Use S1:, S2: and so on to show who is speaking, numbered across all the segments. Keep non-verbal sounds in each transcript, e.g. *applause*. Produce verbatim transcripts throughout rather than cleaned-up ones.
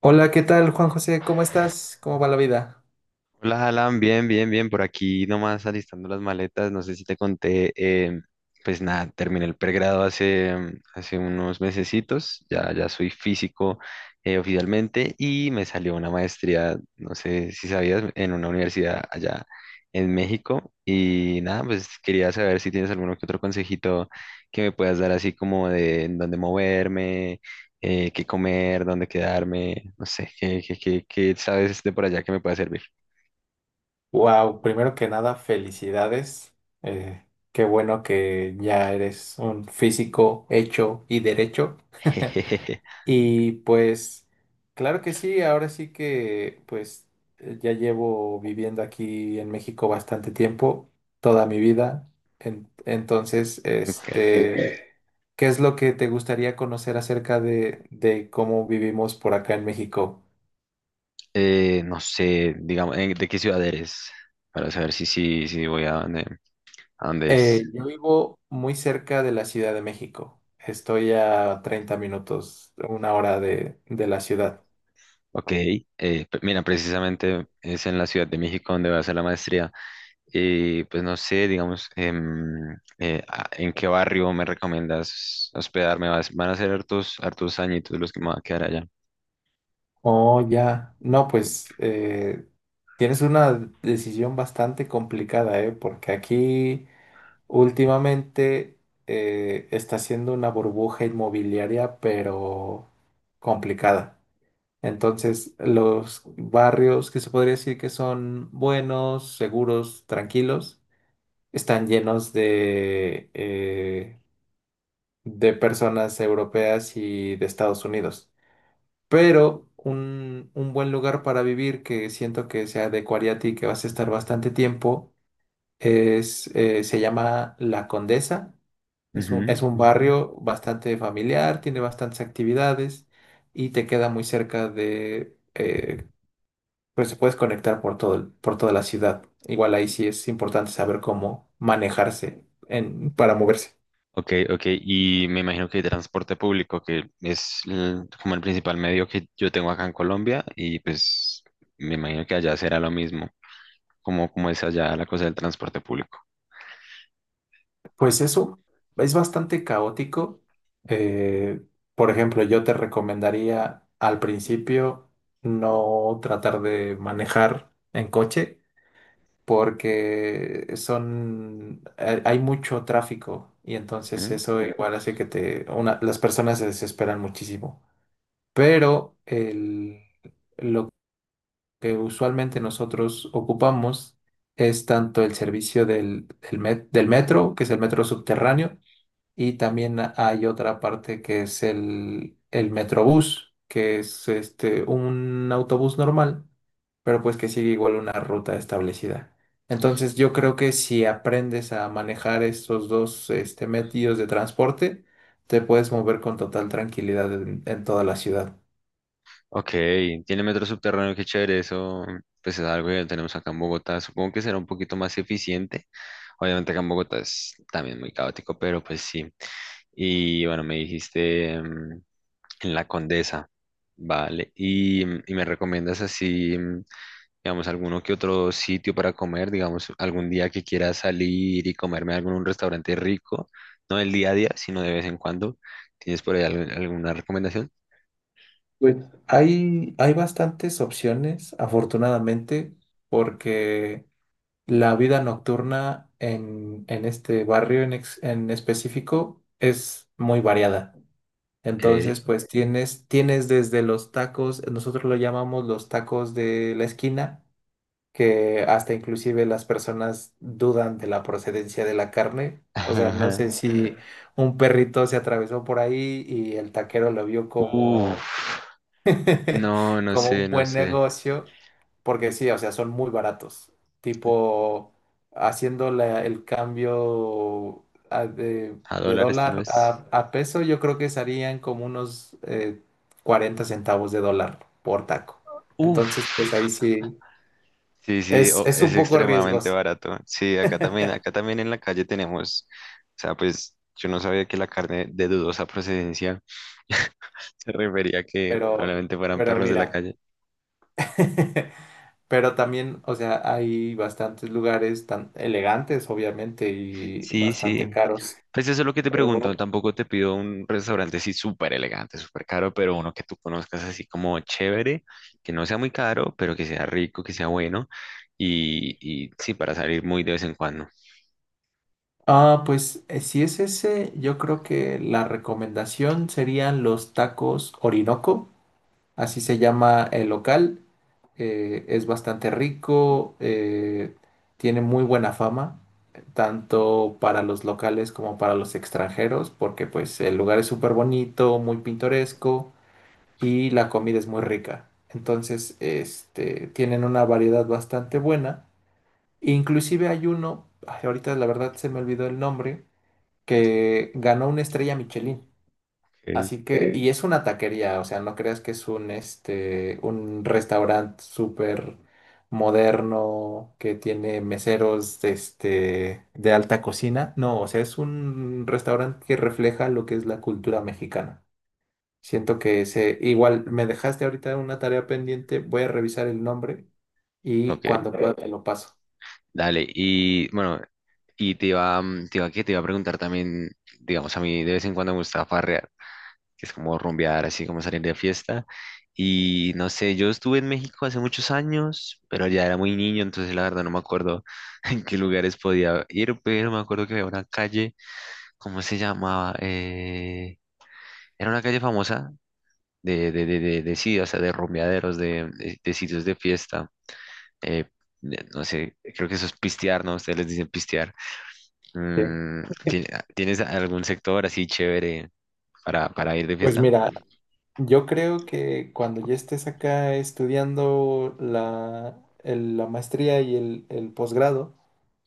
S1: Hola, ¿qué tal, Juan José? ¿Cómo estás? ¿Cómo va la vida?
S2: Hola, Alan, bien, bien, bien, por aquí nomás alistando las maletas, no sé si te conté, eh, pues nada, terminé el pregrado hace, mm, hace unos mesecitos, ya, ya soy físico eh, oficialmente y me salió una maestría, no sé si sabías, en una universidad allá en México y nada, pues quería saber si tienes alguno que otro consejito que me puedas dar así como de en dónde moverme, eh, qué comer, dónde quedarme, no sé, qué, qué, qué, qué sabes de por allá que me pueda servir.
S1: Wow, primero que nada, felicidades. Eh, Qué bueno que ya eres un físico hecho y derecho.
S2: *laughs* Jejeje.
S1: Y pues, claro que sí, ahora sí que pues eh, ya llevo viviendo aquí en México bastante tiempo, toda mi vida. En- entonces,
S2: Ok.
S1: este, ok, ¿qué es lo que te gustaría conocer acerca de, de cómo vivimos por acá en México?
S2: Eh, no sé, digamos, ¿en- ¿de qué ciudad eres? Para saber si sí, si, voy a dónde, a dónde es.
S1: Eh, yo vivo muy cerca de la Ciudad de México. Estoy a treinta minutos, una hora de, de la ciudad.
S2: Ok, eh, pe- mira, precisamente es en la Ciudad de México donde voy a hacer la maestría. Y pues no sé, digamos, em, eh, a- ¿en qué barrio me recomiendas hospedarme? Vas- Van a ser hartos, hartos añitos los que me van a quedar allá.
S1: Oh, ya. No, pues eh, tienes una decisión bastante complicada, ¿eh? Porque aquí últimamente eh, está siendo una burbuja inmobiliaria, pero complicada. Entonces, los barrios que se podría decir que son buenos, seguros, tranquilos están llenos de, eh, de personas europeas y de Estados Unidos. Pero un, un buen lugar para vivir que siento que se adecuaría a ti, que vas a estar bastante tiempo, es, eh, se llama La Condesa. Es un, es un barrio bastante familiar, tiene bastantes actividades y te queda muy cerca de... eh, pues se puedes conectar por todo, el- por toda la ciudad. Igual ahí sí es importante saber cómo manejarse en, para moverse.
S2: Ok, ok, y me imagino que hay transporte público, que es el- como el principal medio que yo tengo acá en Colombia, y pues me imagino que allá será lo mismo, como, como es allá la cosa del transporte público.
S1: Pues eso es bastante caótico. Eh, por ejemplo, yo te recomendaría al principio no tratar de manejar en coche porque son, hay hay mucho tráfico y entonces
S2: Ujú.
S1: eso igual hace que te, una- las personas se desesperan muchísimo. Pero el- lo que usualmente nosotros ocupamos es tanto el servicio del, del met- del metro, que es el metro subterráneo, y también hay otra parte que es el, el Metrobús, que es este, un autobús normal, pero pues que sigue igual una ruta establecida. Entonces yo creo que si aprendes a manejar estos dos este, medios de transporte, te puedes mover con total tranquilidad en, en toda la ciudad.
S2: Ok, tiene metro subterráneo, qué chévere, eso pues es algo que tenemos acá en Bogotá, supongo que será un poquito más eficiente, obviamente acá en Bogotá es también muy caótico, pero pues sí. Y bueno, me dijiste mm, en La Condesa, vale, y, y me recomiendas así, mm, digamos, alguno que otro sitio para comer, digamos, algún día que quiera salir y comerme algo en un restaurante rico, no el día a día, sino de vez en cuando. ¿Tienes por ahí al- alguna recomendación?
S1: Pues hay, hay bastantes opciones, afortunadamente, porque... la vida nocturna en, en este barrio en, ex- en específico es muy variada.
S2: Ok.
S1: Entonces, pues tienes, tienes desde los tacos, nosotros lo llamamos los tacos de la esquina, que hasta inclusive las personas dudan de la procedencia de la carne.
S2: *laughs*
S1: O sea, no
S2: Ajá.
S1: sé si un perrito se atravesó por ahí y el taquero lo vio
S2: Uf,
S1: como *laughs*
S2: no, no
S1: como
S2: sé,
S1: un
S2: no
S1: buen
S2: sé.
S1: negocio, porque sí, o sea, son muy baratos. Tipo, haciendo la- el cambio a- de,
S2: A
S1: de
S2: dólares tal
S1: dólar
S2: vez.
S1: a, a peso, yo creo que serían como unos eh, cuarenta centavos de dólar por taco. Entonces, pues ahí
S2: Uf.
S1: sí,
S2: Sí, sí,
S1: es,
S2: o-
S1: es
S2: es
S1: un poco
S2: extremadamente
S1: riesgoso,
S2: barato. Sí, acá también, acá también en la calle tenemos, o sea, pues yo no sabía que la carne de dudosa procedencia *laughs* se refería a que
S1: pero,
S2: probablemente fueran
S1: pero
S2: perros de la
S1: mira.
S2: calle.
S1: *laughs* Pero también, o sea, hay bastantes lugares tan elegantes, obviamente, y
S2: Sí, sí.
S1: bastante caros.
S2: Pues eso es lo que te
S1: Pero
S2: pregunto. Tampoco te pido un restaurante así súper elegante, súper caro, pero uno que tú conozcas así como chévere, que no sea muy caro, pero que sea rico, que sea bueno. Y, y sí, para salir muy de vez en cuando.
S1: ah, pues eh, si es ese, yo creo que la recomendación serían los tacos Orinoco, así se llama el local. Eh, es bastante rico, eh, tiene muy buena fama, tanto para los locales como para los extranjeros, porque pues el lugar es súper bonito, muy pintoresco y la comida es muy rica. Entonces, este, tienen una variedad bastante buena. Inclusive hay uno, ay, ahorita la verdad se me olvidó el nombre que ganó una estrella Michelin.
S2: Ok.
S1: Así que, eh, y es una taquería, o sea, no creas que es un, este, un restaurante súper moderno que tiene meseros, este, de alta cocina. No, o sea, es un restaurante que refleja lo que es la cultura mexicana. Siento que se, igual me dejaste ahorita una tarea pendiente, voy a revisar el nombre y
S2: Ok,
S1: cuando pueda te lo paso.
S2: dale. Y bueno, y te iba, mm, te iba, que te iba a preguntar también, digamos, a mí de vez en cuando me gusta farrear, que es como rumbear, así como salir de fiesta. Y no sé, yo estuve en México hace muchos años, pero ya era muy niño, entonces la verdad no me acuerdo *laughs* en qué lugares podía ir, pero me acuerdo que había una calle, ¿cómo se llamaba? Eh, era una calle famosa de, de, de, de, de sí, o sea, de rumbeaderos, de, de, de sitios de fiesta. eh, de- no sé, creo que eso es pistear, ¿no? Ustedes les dicen pistear.
S1: Sí.
S2: Mm, ¿ti- ¿tienes algún sector así chévere para, para ir de
S1: Pues
S2: fiesta?
S1: mira, yo creo que cuando ya estés acá estudiando la, el- la maestría y el, el posgrado,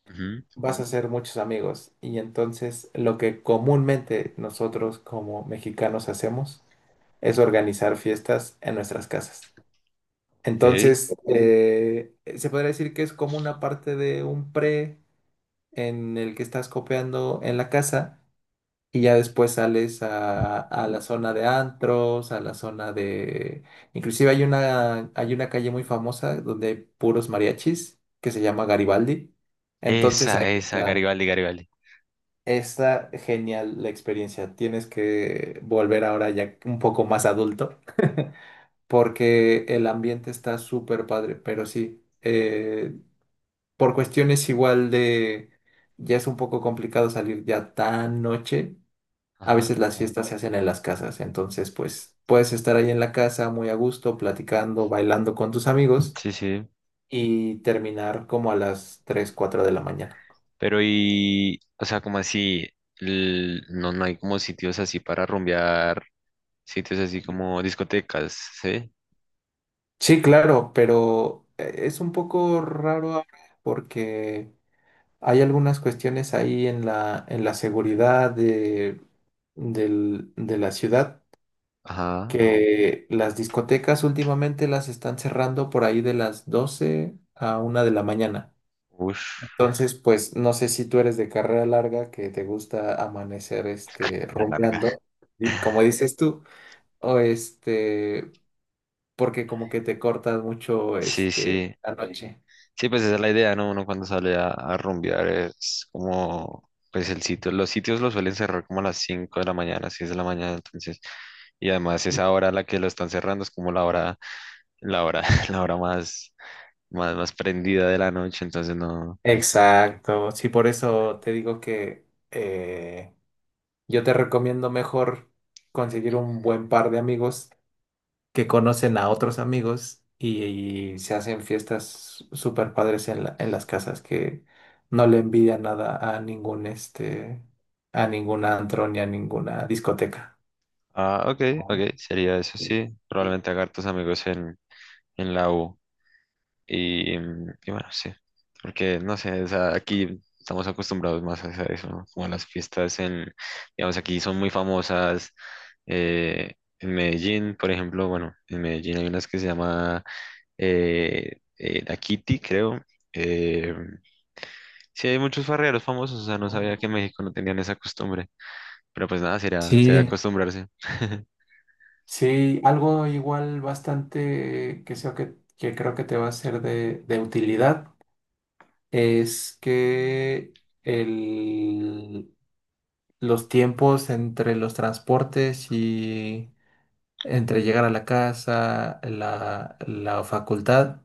S2: Ujú.
S1: vas a hacer muchos amigos. Y entonces lo que comúnmente nosotros como mexicanos hacemos es organizar fiestas en nuestras casas. Entonces, eh, se podría decir que es como una parte de un pre en el que estás copiando en la casa y ya después sales a, a la zona de antros, a la zona de... Inclusive hay una, hay una calle muy famosa donde hay puros mariachis que se llama Garibaldi. Entonces ahí
S2: Esa, esa,
S1: la-
S2: Garibaldi, Garibaldi.
S1: está genial la experiencia. Tienes que volver ahora ya un poco más adulto *laughs* porque el ambiente está súper padre, pero sí, eh, por cuestiones igual de, ya es un poco complicado salir ya tan noche, a
S2: Ajá,
S1: veces las fiestas se hacen en las casas, entonces pues puedes estar ahí en la casa muy a gusto, platicando, bailando con tus amigos
S2: sí, sí.
S1: y terminar como a las tres, cuatro de la mañana.
S2: Pero y, o sea, como así, l- no, no hay como sitios así para rumbear, sitios así como discotecas, ¿sí?
S1: Sí, claro, pero eh, es un poco raro ahora porque hay algunas cuestiones ahí en la, en la seguridad de, del- de la ciudad
S2: Ajá,
S1: que las discotecas últimamente las están cerrando por ahí de las doce a una de la mañana.
S2: uff,
S1: Entonces, pues no sé si tú eres de carrera larga, que te gusta amanecer este
S2: La larga.
S1: rumbeando, di- como dices tú, o este, porque como que te cortas mucho
S2: Sí,
S1: este
S2: sí.
S1: la noche.
S2: Sí, pues esa es la idea, ¿no? Uno cuando sale a, a rumbear es como, pues el sitio, los sitios los suelen cerrar como a las cinco de la mañana, seis de la mañana, entonces, y además esa hora a la que lo están cerrando es como la hora, la hora, *laughs* la hora más, más, más prendida de la noche, entonces no.
S1: Exacto, sí, por eso te digo que eh, yo te recomiendo mejor conseguir un buen par de amigos que conocen a otros amigos y, y se hacen fiestas súper padres en la- en las casas que no le envidia nada a ningún este, a ningún antro ni a ninguna discoteca.
S2: Ah, ok, ok, sería eso, sí. Probablemente haga tus amigos en, en la U. Y, mm, y bueno, sí. Porque, no sé, o sea, aquí estamos acostumbrados más a eso, ¿no? Como a las fiestas en, digamos, aquí son muy famosas. eh, en Medellín, por ejemplo, bueno, en Medellín hay unas que se llama eh, eh, La Kitty, creo. Eh, sí, hay muchos farreros famosos, o sea, no sabía que en México no tenían esa costumbre. Pero pues nada, será, será
S1: Sí,
S2: acostumbrarse.
S1: sí, algo igual bastante que sea que, que creo que te va a ser de, de utilidad es que el, los tiempos entre los transportes y entre llegar a la casa, la, la facultad,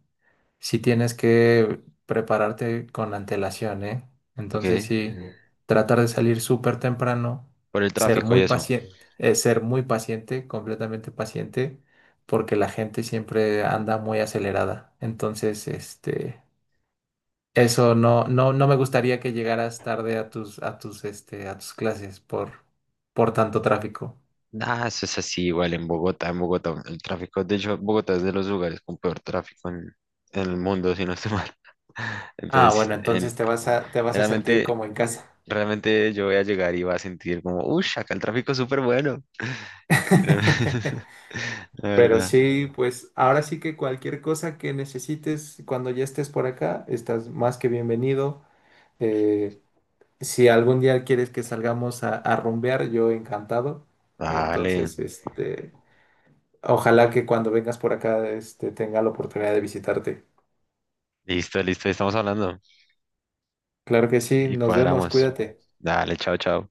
S1: sí tienes que prepararte con antelación, ¿eh?
S2: Ok,
S1: Entonces sí, ujú, tratar de salir súper temprano,
S2: por el
S1: ser
S2: tráfico y
S1: muy
S2: eso.
S1: paciente, eh, ser muy paciente, completamente paciente, porque la gente siempre anda muy acelerada. Entonces, este, eso no, no, no me gustaría que llegaras tarde a tus, a tus, este, a tus clases por, por tanto tráfico.
S2: Ah, eso es así igual en Bogotá, en Bogotá. El tráfico, de hecho, Bogotá es de los lugares con peor tráfico en, en el mundo, si no estoy mal. *laughs*
S1: Ah,
S2: Entonces,
S1: bueno,
S2: en-
S1: entonces te vas a, te vas a sentir
S2: realmente,
S1: como en casa.
S2: realmente yo voy a llegar y voy a sentir como, uy, acá el tráfico es súper bueno.
S1: *laughs*
S2: *laughs* La
S1: Pero
S2: verdad.
S1: sí, pues ahora sí que cualquier cosa que necesites cuando ya estés por acá, estás más que bienvenido. Eh, si algún día quieres que salgamos a, a rumbear, yo encantado.
S2: Vale,
S1: Entonces, este, ojalá que cuando vengas por acá, este, tenga la oportunidad de visitarte.
S2: listo, listo, estamos hablando
S1: Claro que sí,
S2: y
S1: nos vemos,
S2: cuadramos.
S1: cuídate.
S2: Dale, chao, chao.